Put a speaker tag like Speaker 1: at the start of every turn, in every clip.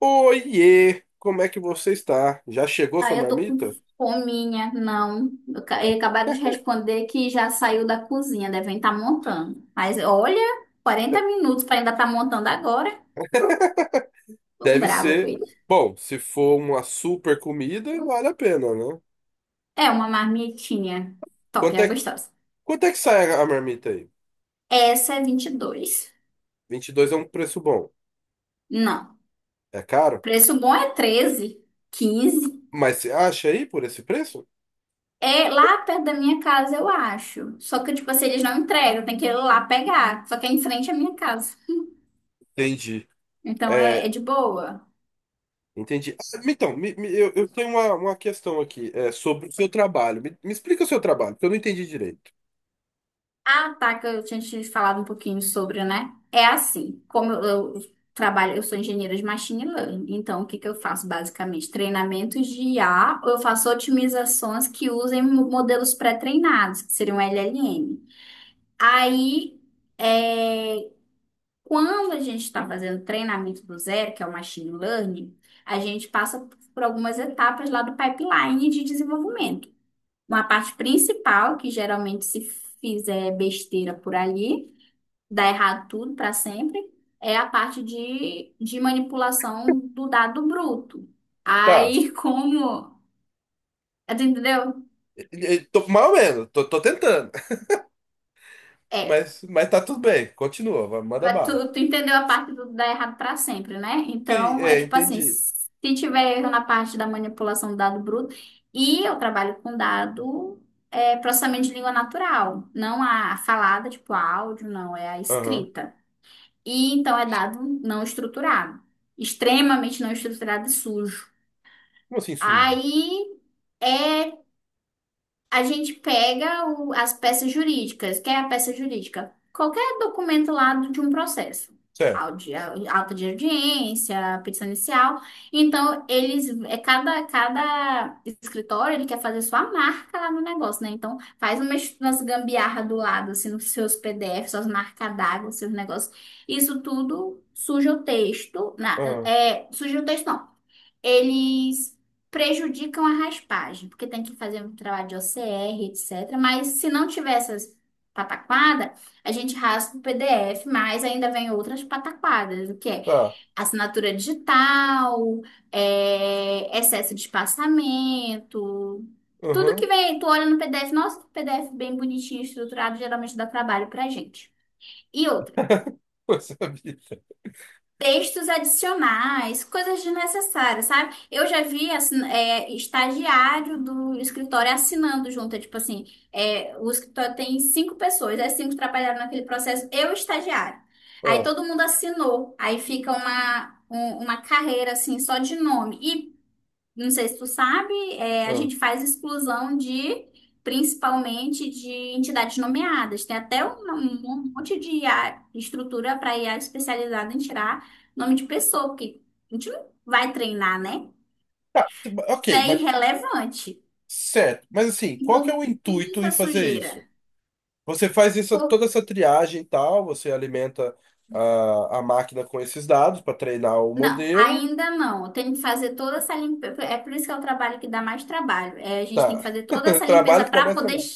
Speaker 1: Oiê, como é que você está? Já chegou sua
Speaker 2: Eu tô com
Speaker 1: marmita?
Speaker 2: fominha, não. Eu acabaram de responder que já saiu da cozinha, devem estar montando. Mas olha, 40 minutos para ainda estar montando agora. Tô
Speaker 1: Deve
Speaker 2: brava com
Speaker 1: ser.
Speaker 2: ele.
Speaker 1: Bom, se for uma super comida, vale a pena, né?
Speaker 2: É uma marmitinha top,
Speaker 1: Quanto
Speaker 2: é
Speaker 1: é,
Speaker 2: gostosa.
Speaker 1: quanto é que sai a marmita aí?
Speaker 2: Essa é 22.
Speaker 1: 22 é um preço bom.
Speaker 2: Não.
Speaker 1: É caro?
Speaker 2: Preço bom é 13, 15.
Speaker 1: Mas você acha aí por esse preço?
Speaker 2: É lá perto da minha casa, eu acho. Só que, tipo assim, eles não entregam, tem que ir lá pegar. Só que é em frente à minha casa.
Speaker 1: Entendi.
Speaker 2: Então é
Speaker 1: É,
Speaker 2: de boa.
Speaker 1: entendi. Então, eu tenho uma questão aqui, sobre o seu trabalho. Me explica o seu trabalho, porque eu não entendi direito.
Speaker 2: Ah, tá, que eu tinha te falado um pouquinho sobre, né? É assim, como eu trabalho, eu sou engenheira de machine learning, então o que que eu faço basicamente? Treinamentos de I A, ou eu faço otimizações que usem modelos pré-treinados, que seriam LLM. Aí, é, quando a gente está fazendo treinamento do zero, que é o machine learning, a gente passa por algumas etapas lá do pipeline de desenvolvimento. Uma parte principal, que geralmente, se fizer besteira por ali, dá errado tudo para sempre, é a parte de manipulação do dado bruto.
Speaker 1: Tá.
Speaker 2: Aí, como. Tu entendeu?
Speaker 1: Tô, mais ou menos, tô tentando.
Speaker 2: É.
Speaker 1: Mas tá tudo bem. Continua, vai, manda
Speaker 2: Mas Tu,
Speaker 1: bala.
Speaker 2: tu entendeu a parte do dar errado para sempre, né?
Speaker 1: Sim,
Speaker 2: Então, é
Speaker 1: é,
Speaker 2: tipo assim:
Speaker 1: entendi.
Speaker 2: se tiver erro na parte da manipulação do dado bruto, e eu trabalho com dado. É processamento de língua natural, não a falada, tipo áudio, não, é a
Speaker 1: Aham.
Speaker 2: escrita. E então é dado não estruturado, extremamente não estruturado e sujo.
Speaker 1: Como assim sujo?
Speaker 2: Aí é a gente pega as peças jurídicas. Que é a peça jurídica? Qualquer documento lá de um processo.
Speaker 1: Certo.
Speaker 2: Auto de audiência, petição inicial. Então, eles, é cada escritório, ele quer fazer sua marca lá no negócio, né? Então, faz umas gambiarra do lado, assim, nos seus PDFs, suas marcas d'água, seus negócios. Isso tudo suja o texto.
Speaker 1: Aham.
Speaker 2: Suja o texto, não, eles prejudicam a raspagem, porque tem que fazer um trabalho de OCR, etc. Mas se não tiver essas pataquadas, a gente raspa o PDF, mas ainda vem outras pataquadas, o que é
Speaker 1: Tá.
Speaker 2: assinatura digital, excesso de espaçamento. Tudo que
Speaker 1: Aham.
Speaker 2: vem, tu olha no PDF, nossa, que PDF bem bonitinho, estruturado, geralmente dá trabalho pra gente. E outra,
Speaker 1: Coisa vida.
Speaker 2: textos adicionais, coisas desnecessárias, sabe? Eu já vi assim, estagiário do escritório assinando junto, é tipo assim, o escritório tem cinco pessoas, as cinco trabalharam naquele processo, eu e o estagiário. Aí
Speaker 1: Ah,
Speaker 2: todo mundo assinou, aí fica uma, uma carreira assim, só de nome. E não sei se tu sabe, a
Speaker 1: ah.
Speaker 2: gente faz exclusão de, principalmente, de entidades nomeadas. Tem até um monte de IA estrutura para IA especializada em tirar nome de pessoa, porque a gente não vai treinar, né?
Speaker 1: Tá, t-
Speaker 2: Isso
Speaker 1: ok,
Speaker 2: é
Speaker 1: mas
Speaker 2: irrelevante.
Speaker 1: certo. Mas assim, qual que é
Speaker 2: Então,
Speaker 1: o
Speaker 2: tudo
Speaker 1: intuito
Speaker 2: isso é
Speaker 1: em fazer
Speaker 2: sujeira.
Speaker 1: isso? Você faz essa,
Speaker 2: Por
Speaker 1: toda essa triagem e tal, você alimenta a máquina com esses dados para treinar o
Speaker 2: Não,
Speaker 1: modelo.
Speaker 2: ainda não. Eu tenho que fazer toda essa limpeza. É por isso que é o trabalho que dá mais trabalho. É, a gente tem
Speaker 1: Tá.
Speaker 2: que fazer toda essa limpeza
Speaker 1: Trabalho que dá mais trabalho.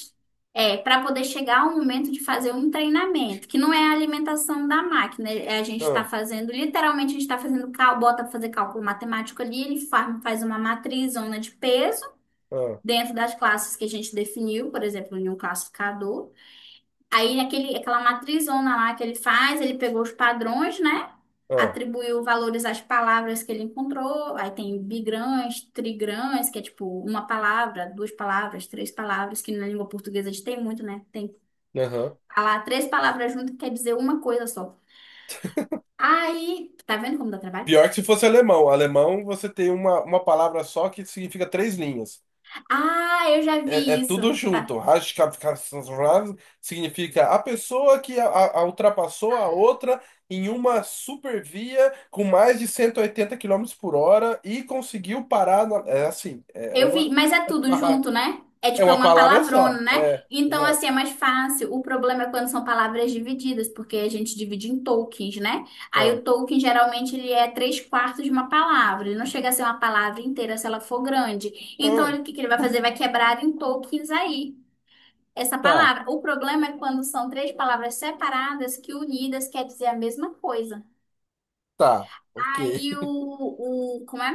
Speaker 2: para poder chegar ao momento de fazer um treinamento, que não é a alimentação da máquina. É, a gente está
Speaker 1: Ah,
Speaker 2: fazendo, literalmente, a gente está fazendo bota para fazer cálculo matemático ali, ele faz uma matriz, zona de peso,
Speaker 1: ah,
Speaker 2: dentro das classes que a gente definiu, por exemplo, em um classificador. Aí aquela matrizona lá que ele faz, ele pegou os padrões, né?
Speaker 1: ah.
Speaker 2: Atribuiu valores às palavras que ele encontrou. Aí tem bigrãs, trigrãs, que é tipo uma palavra, duas palavras, três palavras, que na língua portuguesa a gente tem muito, né? Tem
Speaker 1: Aham.
Speaker 2: lá três palavras juntas que quer dizer uma coisa só. Aí, tá vendo como dá trabalho?
Speaker 1: Pior que se fosse alemão. Alemão, você tem uma palavra só que significa três linhas.
Speaker 2: Ah, eu já
Speaker 1: É, é
Speaker 2: vi isso.
Speaker 1: tudo junto.
Speaker 2: Tá.
Speaker 1: Hashkapkasrav significa a pessoa que a ultrapassou a outra em uma supervia com mais de 180 km por hora e conseguiu parar. É assim, é
Speaker 2: Eu
Speaker 1: uma,
Speaker 2: vi, mas é tudo junto, né? É
Speaker 1: é
Speaker 2: tipo, é
Speaker 1: uma
Speaker 2: uma
Speaker 1: palavra
Speaker 2: palavrona,
Speaker 1: só.
Speaker 2: né?
Speaker 1: É,
Speaker 2: Então, assim,
Speaker 1: exato.
Speaker 2: é mais fácil. O problema é quando são palavras divididas, porque a gente divide em tokens, né? Aí
Speaker 1: Ah,
Speaker 2: o token, geralmente, ele é três quartos de uma palavra. Ele não chega a ser uma palavra inteira se ela for grande. Então,
Speaker 1: ah,
Speaker 2: o que que ele vai fazer? Vai quebrar em tokens aí, essa
Speaker 1: tá,
Speaker 2: palavra. O problema é quando são três palavras separadas que unidas quer dizer a mesma coisa.
Speaker 1: tá, ok.
Speaker 2: Aí como é?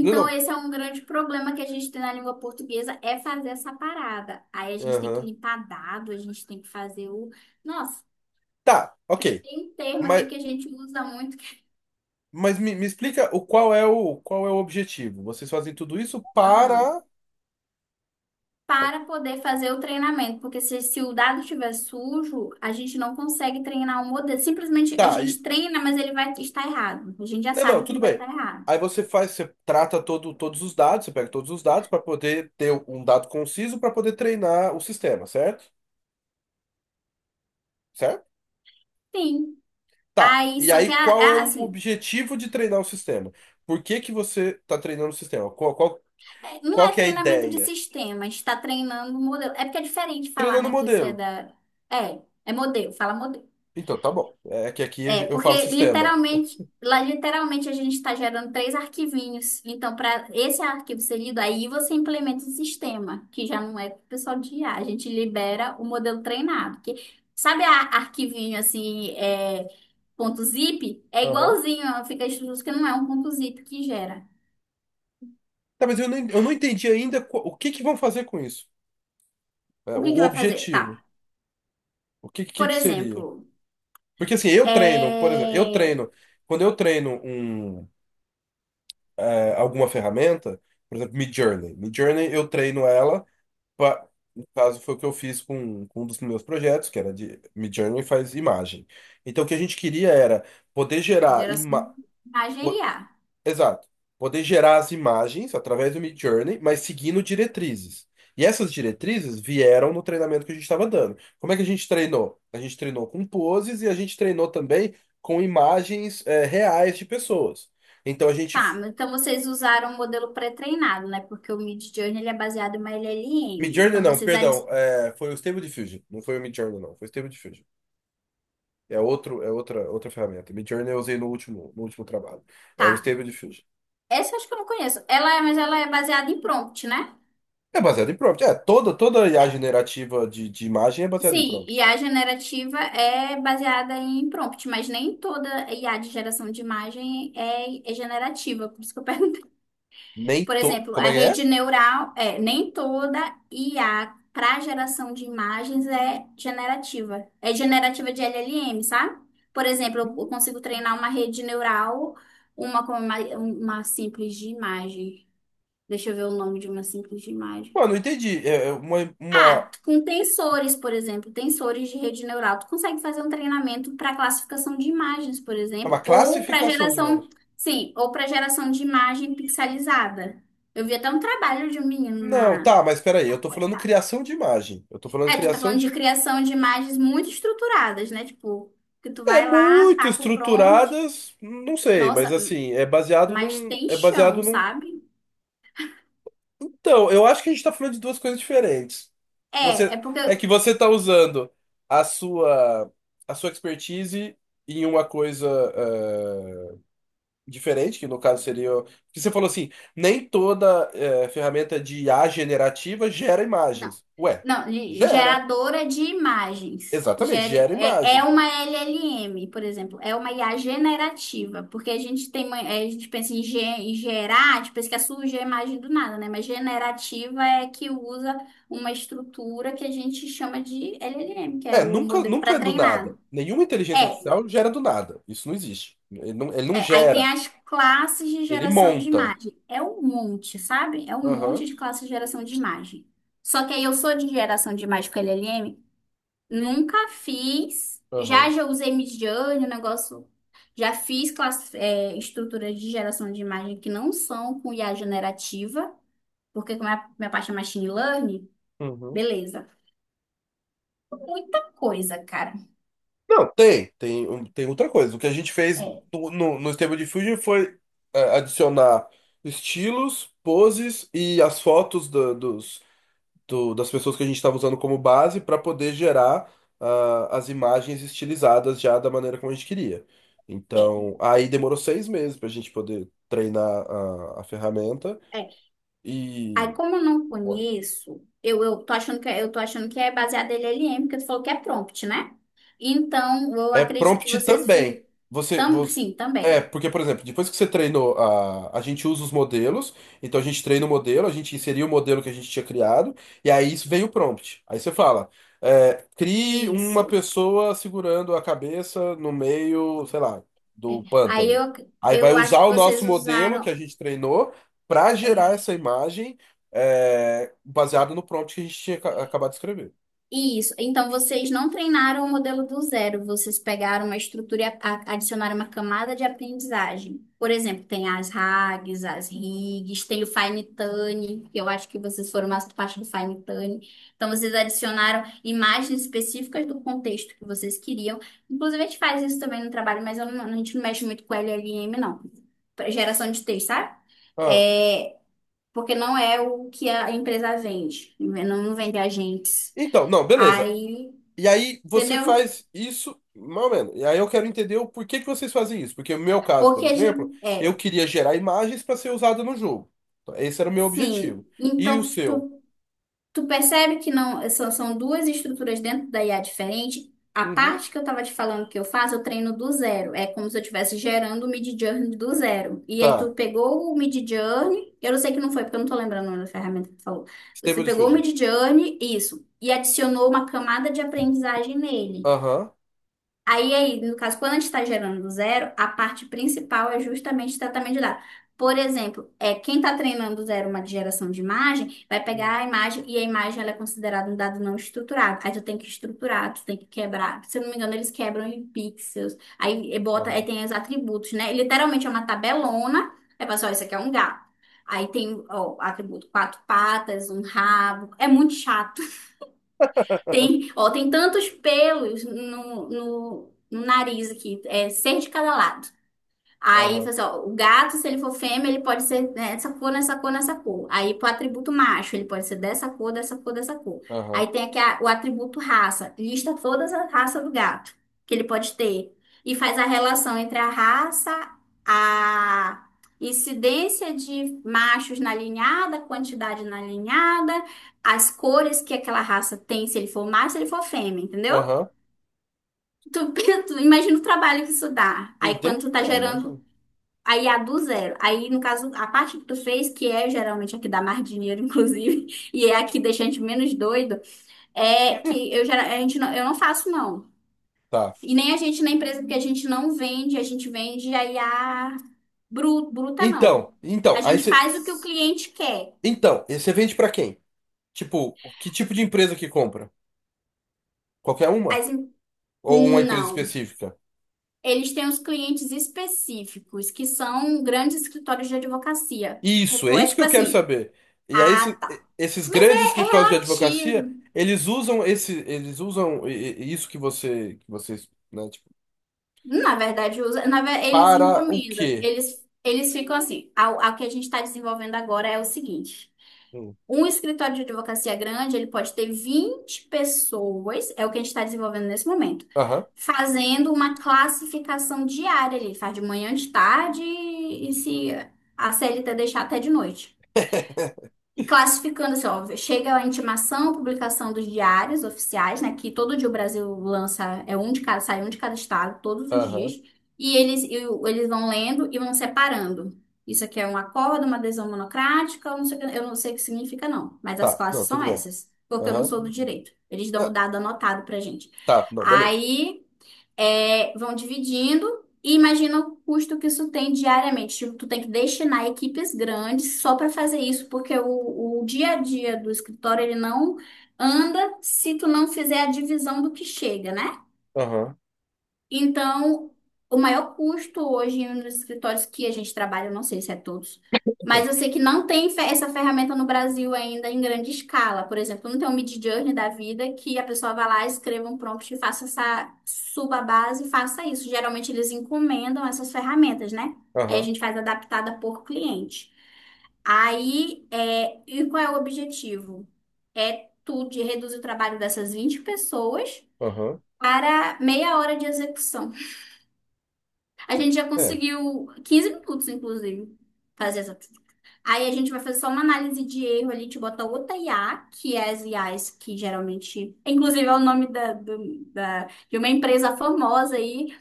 Speaker 1: Não, não.
Speaker 2: esse é um grande problema que a gente tem na língua portuguesa, é fazer essa parada. Aí a gente tem que
Speaker 1: Aham.
Speaker 2: limpar dado, a gente tem que fazer o. Nossa,
Speaker 1: Tá, ok.
Speaker 2: tem um termo
Speaker 1: Mas,
Speaker 2: aqui que a gente usa muito, que...
Speaker 1: mas me explica o qual é o, qual é o objetivo. Vocês fazem tudo isso
Speaker 2: Aham.
Speaker 1: para.
Speaker 2: Para poder fazer o treinamento, porque se o dado estiver sujo, a gente não consegue treinar o modelo. Simplesmente a
Speaker 1: Tá,
Speaker 2: gente treina, mas ele vai estar errado. A gente já
Speaker 1: não, não,
Speaker 2: sabe que ele
Speaker 1: tudo
Speaker 2: vai
Speaker 1: bem.
Speaker 2: estar errado.
Speaker 1: Aí você faz, você trata todo, todos os dados, você pega todos os dados para poder ter um dado conciso para poder treinar o sistema, certo? Certo?
Speaker 2: Sim.
Speaker 1: Tá.
Speaker 2: Aí,
Speaker 1: E
Speaker 2: só que
Speaker 1: aí,
Speaker 2: é,
Speaker 1: qual é
Speaker 2: é
Speaker 1: o
Speaker 2: assim.
Speaker 1: objetivo de treinar o sistema? Por que que você está treinando o sistema? Qual, qual,
Speaker 2: Não
Speaker 1: qual
Speaker 2: é
Speaker 1: que é a
Speaker 2: treinamento de
Speaker 1: ideia?
Speaker 2: sistema, está treinando um modelo. É porque é diferente falar,
Speaker 1: Treinando o
Speaker 2: né, que você é
Speaker 1: modelo.
Speaker 2: da. É modelo, fala modelo.
Speaker 1: Então, tá bom. É que aqui
Speaker 2: É,
Speaker 1: eu falo
Speaker 2: porque
Speaker 1: sistema.
Speaker 2: literalmente, lá literalmente a gente está gerando três arquivinhos. Então, para esse arquivo ser lido, aí você implementa o sistema, que já não é pro pessoal de IA. A gente libera o modelo treinado. Que, sabe a arquivinho assim, ponto zip? É
Speaker 1: Aham.
Speaker 2: igualzinho, fica escrito que não é um ponto zip que gera.
Speaker 1: Tá, mas eu não entendi ainda o que que vão fazer com isso. É,
Speaker 2: O que
Speaker 1: o
Speaker 2: que vai fazer? Tá.
Speaker 1: objetivo. O que,
Speaker 2: Por
Speaker 1: que seria?
Speaker 2: exemplo.
Speaker 1: Porque assim, eu treino, por exemplo, eu
Speaker 2: É...
Speaker 1: treino, quando eu treino um, alguma ferramenta, por exemplo, Midjourney. Midjourney eu treino ela, pra, no caso foi o que eu fiz com um dos meus projetos, que era de Midjourney faz imagem. Então o que a gente queria era poder
Speaker 2: a
Speaker 1: gerar
Speaker 2: geração
Speaker 1: imagem.
Speaker 2: de imagem IA.
Speaker 1: Exato. Poder gerar as imagens através do Midjourney, mas seguindo diretrizes. E essas diretrizes vieram no treinamento que a gente estava dando. Como é que a gente treinou? A gente treinou com poses e a gente treinou também com imagens reais de pessoas. Então a gente.
Speaker 2: Tá, mas então vocês usaram o modelo pré-treinado, né? Porque o Midjourney ele é baseado em uma LLM.
Speaker 1: Midjourney
Speaker 2: Então
Speaker 1: não,
Speaker 2: vocês...
Speaker 1: perdão, foi o Stable Diffusion. Não foi o Midjourney, não, foi o Stable Diffusion. É outro, é outra, outra ferramenta. Midjourney eu usei no último, no último trabalho. É o
Speaker 2: Tá,
Speaker 1: Stable Diffusion.
Speaker 2: essa eu acho que eu não conheço. Mas ela é baseada em prompt, né?
Speaker 1: É baseado em prompt. É, toda, toda IA
Speaker 2: É,
Speaker 1: generativa de imagem é baseada em
Speaker 2: Sim,
Speaker 1: prompt.
Speaker 2: IA generativa é baseada em prompt, mas nem toda IA de geração de imagem é generativa, por isso que eu perguntei.
Speaker 1: Nem
Speaker 2: Por
Speaker 1: to...
Speaker 2: exemplo,
Speaker 1: Como
Speaker 2: a
Speaker 1: é que é?
Speaker 2: rede neural, nem toda IA para geração de imagens é generativa. É generativa de LLM, sabe? Por exemplo, eu consigo treinar uma rede neural, uma com uma simples de imagem. Deixa eu ver o nome de uma simples de imagem.
Speaker 1: Mano, não entendi. É uma,
Speaker 2: Ah, com tensores, por exemplo, tensores de rede neural, tu consegue fazer um treinamento para classificação de imagens, por
Speaker 1: é uma
Speaker 2: exemplo, ou para
Speaker 1: classificação de
Speaker 2: geração,
Speaker 1: imagem.
Speaker 2: sim, ou para geração de imagem pixelizada. Eu vi até um trabalho de um menino
Speaker 1: Não, tá, mas peraí,
Speaker 2: na
Speaker 1: eu tô
Speaker 2: pós,
Speaker 1: falando
Speaker 2: tá?
Speaker 1: criação de imagem. Eu tô falando
Speaker 2: É, tu tá
Speaker 1: criação
Speaker 2: falando de
Speaker 1: de.
Speaker 2: criação de imagens muito estruturadas, né? Tipo, que tu
Speaker 1: É
Speaker 2: vai lá,
Speaker 1: muito
Speaker 2: taca o prompt.
Speaker 1: estruturadas, não sei, mas
Speaker 2: Nossa,
Speaker 1: assim, é baseado
Speaker 2: mas
Speaker 1: num.
Speaker 2: tem
Speaker 1: É
Speaker 2: chão,
Speaker 1: baseado num.
Speaker 2: sabe?
Speaker 1: Então, eu acho que a gente tá falando de duas coisas diferentes.
Speaker 2: É
Speaker 1: Você.
Speaker 2: porque
Speaker 1: É que você tá usando a sua. A sua expertise em uma coisa. eh, Diferente, que no caso seria. Que você falou assim, nem toda ferramenta de IA generativa gera
Speaker 2: não.
Speaker 1: imagens. Ué,
Speaker 2: Não,
Speaker 1: gera.
Speaker 2: geradora de imagens.
Speaker 1: Exatamente,
Speaker 2: Gere-
Speaker 1: gera
Speaker 2: é, é
Speaker 1: imagem.
Speaker 2: uma LLM, por exemplo, é uma IA generativa, porque a gente tem, a gente pensa em, em gerar, tipo, pensa que surge a imagem do nada, né? Mas generativa é que usa uma estrutura que a gente chama de LLM, que é
Speaker 1: É,
Speaker 2: o
Speaker 1: nunca,
Speaker 2: modelo
Speaker 1: nunca é do
Speaker 2: pré-treinado.
Speaker 1: nada. Nenhuma inteligência
Speaker 2: É,
Speaker 1: artificial gera do nada. Isso não existe. Ele não
Speaker 2: Aí tem
Speaker 1: gera,
Speaker 2: as classes de
Speaker 1: ele
Speaker 2: geração de
Speaker 1: monta.
Speaker 2: imagem. É um monte, sabe? É um
Speaker 1: Aham,
Speaker 2: monte de classes de geração de imagem. Só que aí eu sou de geração de imagem com LLM. Nunca fiz. Já
Speaker 1: aham,
Speaker 2: já usei Midjourney, o negócio. Já fiz classe, estruturas de geração de imagem que não são com IA generativa, porque como é a minha parte é machine learning,
Speaker 1: uhum.
Speaker 2: beleza. Muita coisa, cara.
Speaker 1: Não, tem, tem, tem outra coisa. O que a gente fez
Speaker 2: É,
Speaker 1: no, no, no Stable Diffusion foi adicionar estilos, poses e as fotos dos das pessoas que a gente estava usando como base para poder gerar ah, as imagens estilizadas já da maneira como a gente queria.
Speaker 2: é,
Speaker 1: Então, aí demorou 6 meses para a gente poder treinar a ferramenta
Speaker 2: é. Aí
Speaker 1: e.
Speaker 2: como eu não conheço, eu tô achando que é- eu tô achando que é baseado em LLM, porque tu falou que é prompt, né? Então, eu
Speaker 1: É
Speaker 2: acredito que
Speaker 1: prompt
Speaker 2: vocês
Speaker 1: também. Você, você- é,
Speaker 2: também.
Speaker 1: porque, por exemplo, depois que você treinou a gente usa os modelos, então a gente treina o modelo, a gente inseriu o modelo que a gente tinha criado, e aí isso vem o prompt. Aí você fala, é, crie uma
Speaker 2: Isso.
Speaker 1: pessoa segurando a cabeça no meio, sei lá,
Speaker 2: É.
Speaker 1: do
Speaker 2: Aí
Speaker 1: pântano.
Speaker 2: eu,
Speaker 1: Aí vai
Speaker 2: eu
Speaker 1: usar
Speaker 2: acho que
Speaker 1: o nosso
Speaker 2: vocês
Speaker 1: modelo que
Speaker 2: usaram.
Speaker 1: a gente treinou para gerar
Speaker 2: É.
Speaker 1: essa imagem, é, baseada no prompt que a gente tinha acabado de escrever.
Speaker 2: Isso. Então, vocês não treinaram o modelo do zero, vocês pegaram uma estrutura e adicionaram uma camada de aprendizagem. Por exemplo, tem as RAGs, as RIGs, tem o Fine-Tune, que eu acho que vocês foram mais parte do Fine-Tune. Então, vocês adicionaram imagens específicas do contexto que vocês queriam. Inclusive, a gente faz isso também no trabalho, mas eu não- a gente não mexe muito com LLM, não. Pra geração de texto, sabe?
Speaker 1: Ah,
Speaker 2: É, porque não é o que a empresa vende, não, não vende agentes.
Speaker 1: então, não, beleza.
Speaker 2: Aí,
Speaker 1: E aí você
Speaker 2: entendeu?
Speaker 1: faz isso, mais ou menos. E aí eu quero entender o porquê que vocês fazem isso. Porque no meu caso, por
Speaker 2: Porque a
Speaker 1: exemplo,
Speaker 2: gente,
Speaker 1: eu queria gerar imagens para ser usada no jogo. Então, esse era o meu
Speaker 2: sim.
Speaker 1: objetivo. E o
Speaker 2: Então,
Speaker 1: seu?
Speaker 2: tu percebe que não são, são duas estruturas dentro da IA diferente. A
Speaker 1: Uhum.
Speaker 2: parte que eu tava te falando que eu faço, eu treino do zero. É como se eu estivesse gerando o Midjourney do zero. E aí tu
Speaker 1: Tá.
Speaker 2: pegou o Midjourney, eu não sei que não foi, porque eu não tô lembrando o nome da ferramenta que tu falou. Você
Speaker 1: Stable
Speaker 2: pegou o
Speaker 1: Diffusion.
Speaker 2: Midjourney, isso, e adicionou uma camada de aprendizagem nele.
Speaker 1: Aham.
Speaker 2: Aí, no caso, quando a gente está gerando do zero, a parte principal é justamente o tratamento de dados. Por exemplo, quem está treinando do zero uma geração de imagem, vai
Speaker 1: Hum.
Speaker 2: pegar a imagem e a imagem ela é considerada um dado não estruturado. Aí tu tem que estruturar, tu tem que quebrar. Se eu não me engano, eles quebram em pixels. Aí bota, aí
Speaker 1: Aham.
Speaker 2: tem os atributos, né? Literalmente é uma tabelona. É pessoal, isso aqui é um gato. Aí tem, ó, atributo quatro patas, um rabo. É muito chato. Tem, ó, tem tantos pelos no nariz aqui, é seis de cada lado. Aí, falou
Speaker 1: Aham.
Speaker 2: assim, ó, o gato, se ele for fêmea, ele pode ser nessa cor, nessa cor, nessa cor. Aí, pro atributo macho, ele pode ser dessa cor, dessa cor, dessa cor. Aí
Speaker 1: Aham.
Speaker 2: tem aqui o atributo raça. Lista todas as raças do gato que ele pode ter. E faz a relação entre a raça, a incidência de machos na alinhada quantidade na alinhada as cores que aquela raça tem, se ele for macho, se ele for fêmea, entendeu?
Speaker 1: Aham.
Speaker 2: Tu, tu imagina o trabalho que isso dá. Aí
Speaker 1: Entendi?
Speaker 2: quando tu tá
Speaker 1: É,
Speaker 2: gerando.
Speaker 1: imagina.
Speaker 2: Aí a do zero. Aí, no caso, a parte que tu fez, que é geralmente a que dá mais dinheiro, inclusive, e é a que deixa a gente menos doido, é que eu, a gente não, eu não faço, não.
Speaker 1: Tá.
Speaker 2: E nem a gente na empresa, porque a gente não vende, a gente vende aí a bruta, não.
Speaker 1: Então, então,
Speaker 2: A
Speaker 1: aí
Speaker 2: gente
Speaker 1: você.
Speaker 2: faz o que o cliente quer.
Speaker 1: Então, e você vende para quem? Tipo, que tipo de empresa que compra? Qualquer uma?
Speaker 2: As,
Speaker 1: Ou uma
Speaker 2: em-
Speaker 1: empresa
Speaker 2: não.
Speaker 1: específica?
Speaker 2: Eles têm os clientes específicos, que são grandes escritórios de advocacia.
Speaker 1: Isso, é
Speaker 2: Tipo, é
Speaker 1: isso que
Speaker 2: tipo
Speaker 1: eu quero
Speaker 2: assim,
Speaker 1: saber. E aí,
Speaker 2: ah, tá.
Speaker 1: esses
Speaker 2: Mas
Speaker 1: grandes
Speaker 2: é
Speaker 1: escritórios de advocacia,
Speaker 2: relativo.
Speaker 1: eles usam esse, eles usam isso que você, que vocês, né, tipo,
Speaker 2: Na verdade, usa, eles
Speaker 1: para o
Speaker 2: encomendam.
Speaker 1: quê?
Speaker 2: Eles ficam assim. A que a gente está desenvolvendo agora é o seguinte.
Speaker 1: Hum.
Speaker 2: Um escritório de advocacia grande, ele pode ter 20 pessoas, é o que a gente está desenvolvendo nesse momento,
Speaker 1: Aham,
Speaker 2: fazendo uma classificação diária. Ele faz de manhã, de tarde e se a CLT deixar até de noite, classificando assim, ó, chega a intimação, publicação dos diários oficiais, né, que todo dia o Brasil lança, é um de cada, sai um de cada estado, todos os dias,
Speaker 1: aham,
Speaker 2: e eles, eles vão lendo e vão separando. Isso aqui é um acordo, uma adesão monocrática, eu não sei, eu não sei o que significa, não, mas as
Speaker 1: tá, não,
Speaker 2: classes são
Speaker 1: tudo bem.
Speaker 2: essas, porque eu não
Speaker 1: Aham,
Speaker 2: sou do direito. Eles dão o
Speaker 1: tá,
Speaker 2: dado anotado pra gente.
Speaker 1: tá, não, beleza.
Speaker 2: Aí. É, vão dividindo e imagina o custo que isso tem diariamente. Tipo, tu tem que destinar equipes grandes só para fazer isso, porque o dia a dia do escritório ele não anda se tu não fizer a divisão do que chega, né?
Speaker 1: Aham,
Speaker 2: Então, o maior custo hoje nos escritórios que a gente trabalha, eu não sei se é todos, mas eu sei que não tem essa ferramenta no Brasil ainda em grande escala. Por exemplo, não tem um Midjourney da vida que a pessoa vá lá, escreva um prompt e faça essa, suba a base e faça isso. Geralmente eles encomendam essas ferramentas, né? Aí a
Speaker 1: aham,
Speaker 2: gente faz adaptada por cliente. Aí, é, e qual é o objetivo? É tu de reduzir o trabalho dessas 20 pessoas
Speaker 1: aham,
Speaker 2: para meia hora de execução. A gente já
Speaker 1: é,
Speaker 2: conseguiu 15 minutos, inclusive, fazer essa. Aí a gente vai fazer só uma análise de erro ali, te bota outra IA, que é as IAs que geralmente. Inclusive, é o nome da, de uma empresa famosa aí,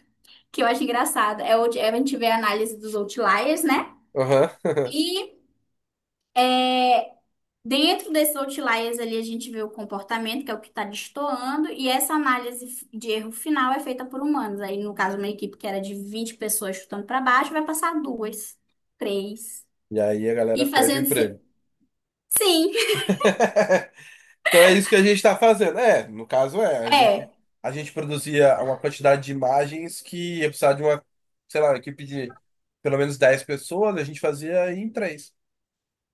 Speaker 2: que eu acho engraçado. É, é a gente vê a análise dos outliers, né?
Speaker 1: aham.
Speaker 2: E dentro desses outliers ali, a gente vê o comportamento, que é o que está destoando, e essa análise de erro final é feita por humanos. Aí, no caso, uma equipe que era de 20 pessoas chutando para baixo, vai passar duas, três.
Speaker 1: E aí a galera
Speaker 2: E
Speaker 1: perde o
Speaker 2: fazendo.
Speaker 1: emprego.
Speaker 2: Sim,
Speaker 1: Então é isso que a gente está fazendo. É, no caso é,
Speaker 2: é.
Speaker 1: a gente produzia uma quantidade de imagens que ia precisar de uma, sei lá, uma equipe de pelo menos 10 pessoas, a gente fazia em três.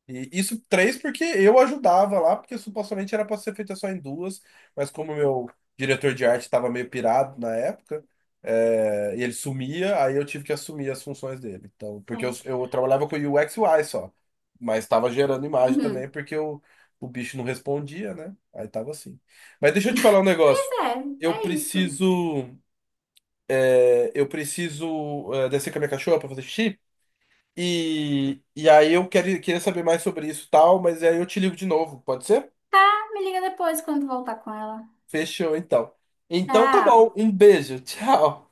Speaker 1: E isso três porque eu ajudava lá, porque supostamente era para ser feita só em duas, mas como meu diretor de arte estava meio pirado na época, é, e ele sumia, aí eu tive que assumir as funções dele. Então, porque
Speaker 2: É.
Speaker 1: eu trabalhava com UX e UI só, mas estava gerando imagem também
Speaker 2: Uhum.
Speaker 1: porque eu, o bicho não respondia, né? Aí tava assim. Mas deixa eu te falar um
Speaker 2: Pois
Speaker 1: negócio.
Speaker 2: é,
Speaker 1: Eu
Speaker 2: é isso.
Speaker 1: preciso, eu preciso, é, descer com a minha cachorra para fazer xixi. E aí eu quero, queria saber mais sobre isso e tal, mas aí eu te ligo de novo, pode ser?
Speaker 2: Ah, me liga depois quando voltar com ela.
Speaker 1: Fechou, então. Então tá bom,
Speaker 2: Tchau.
Speaker 1: um beijo, tchau.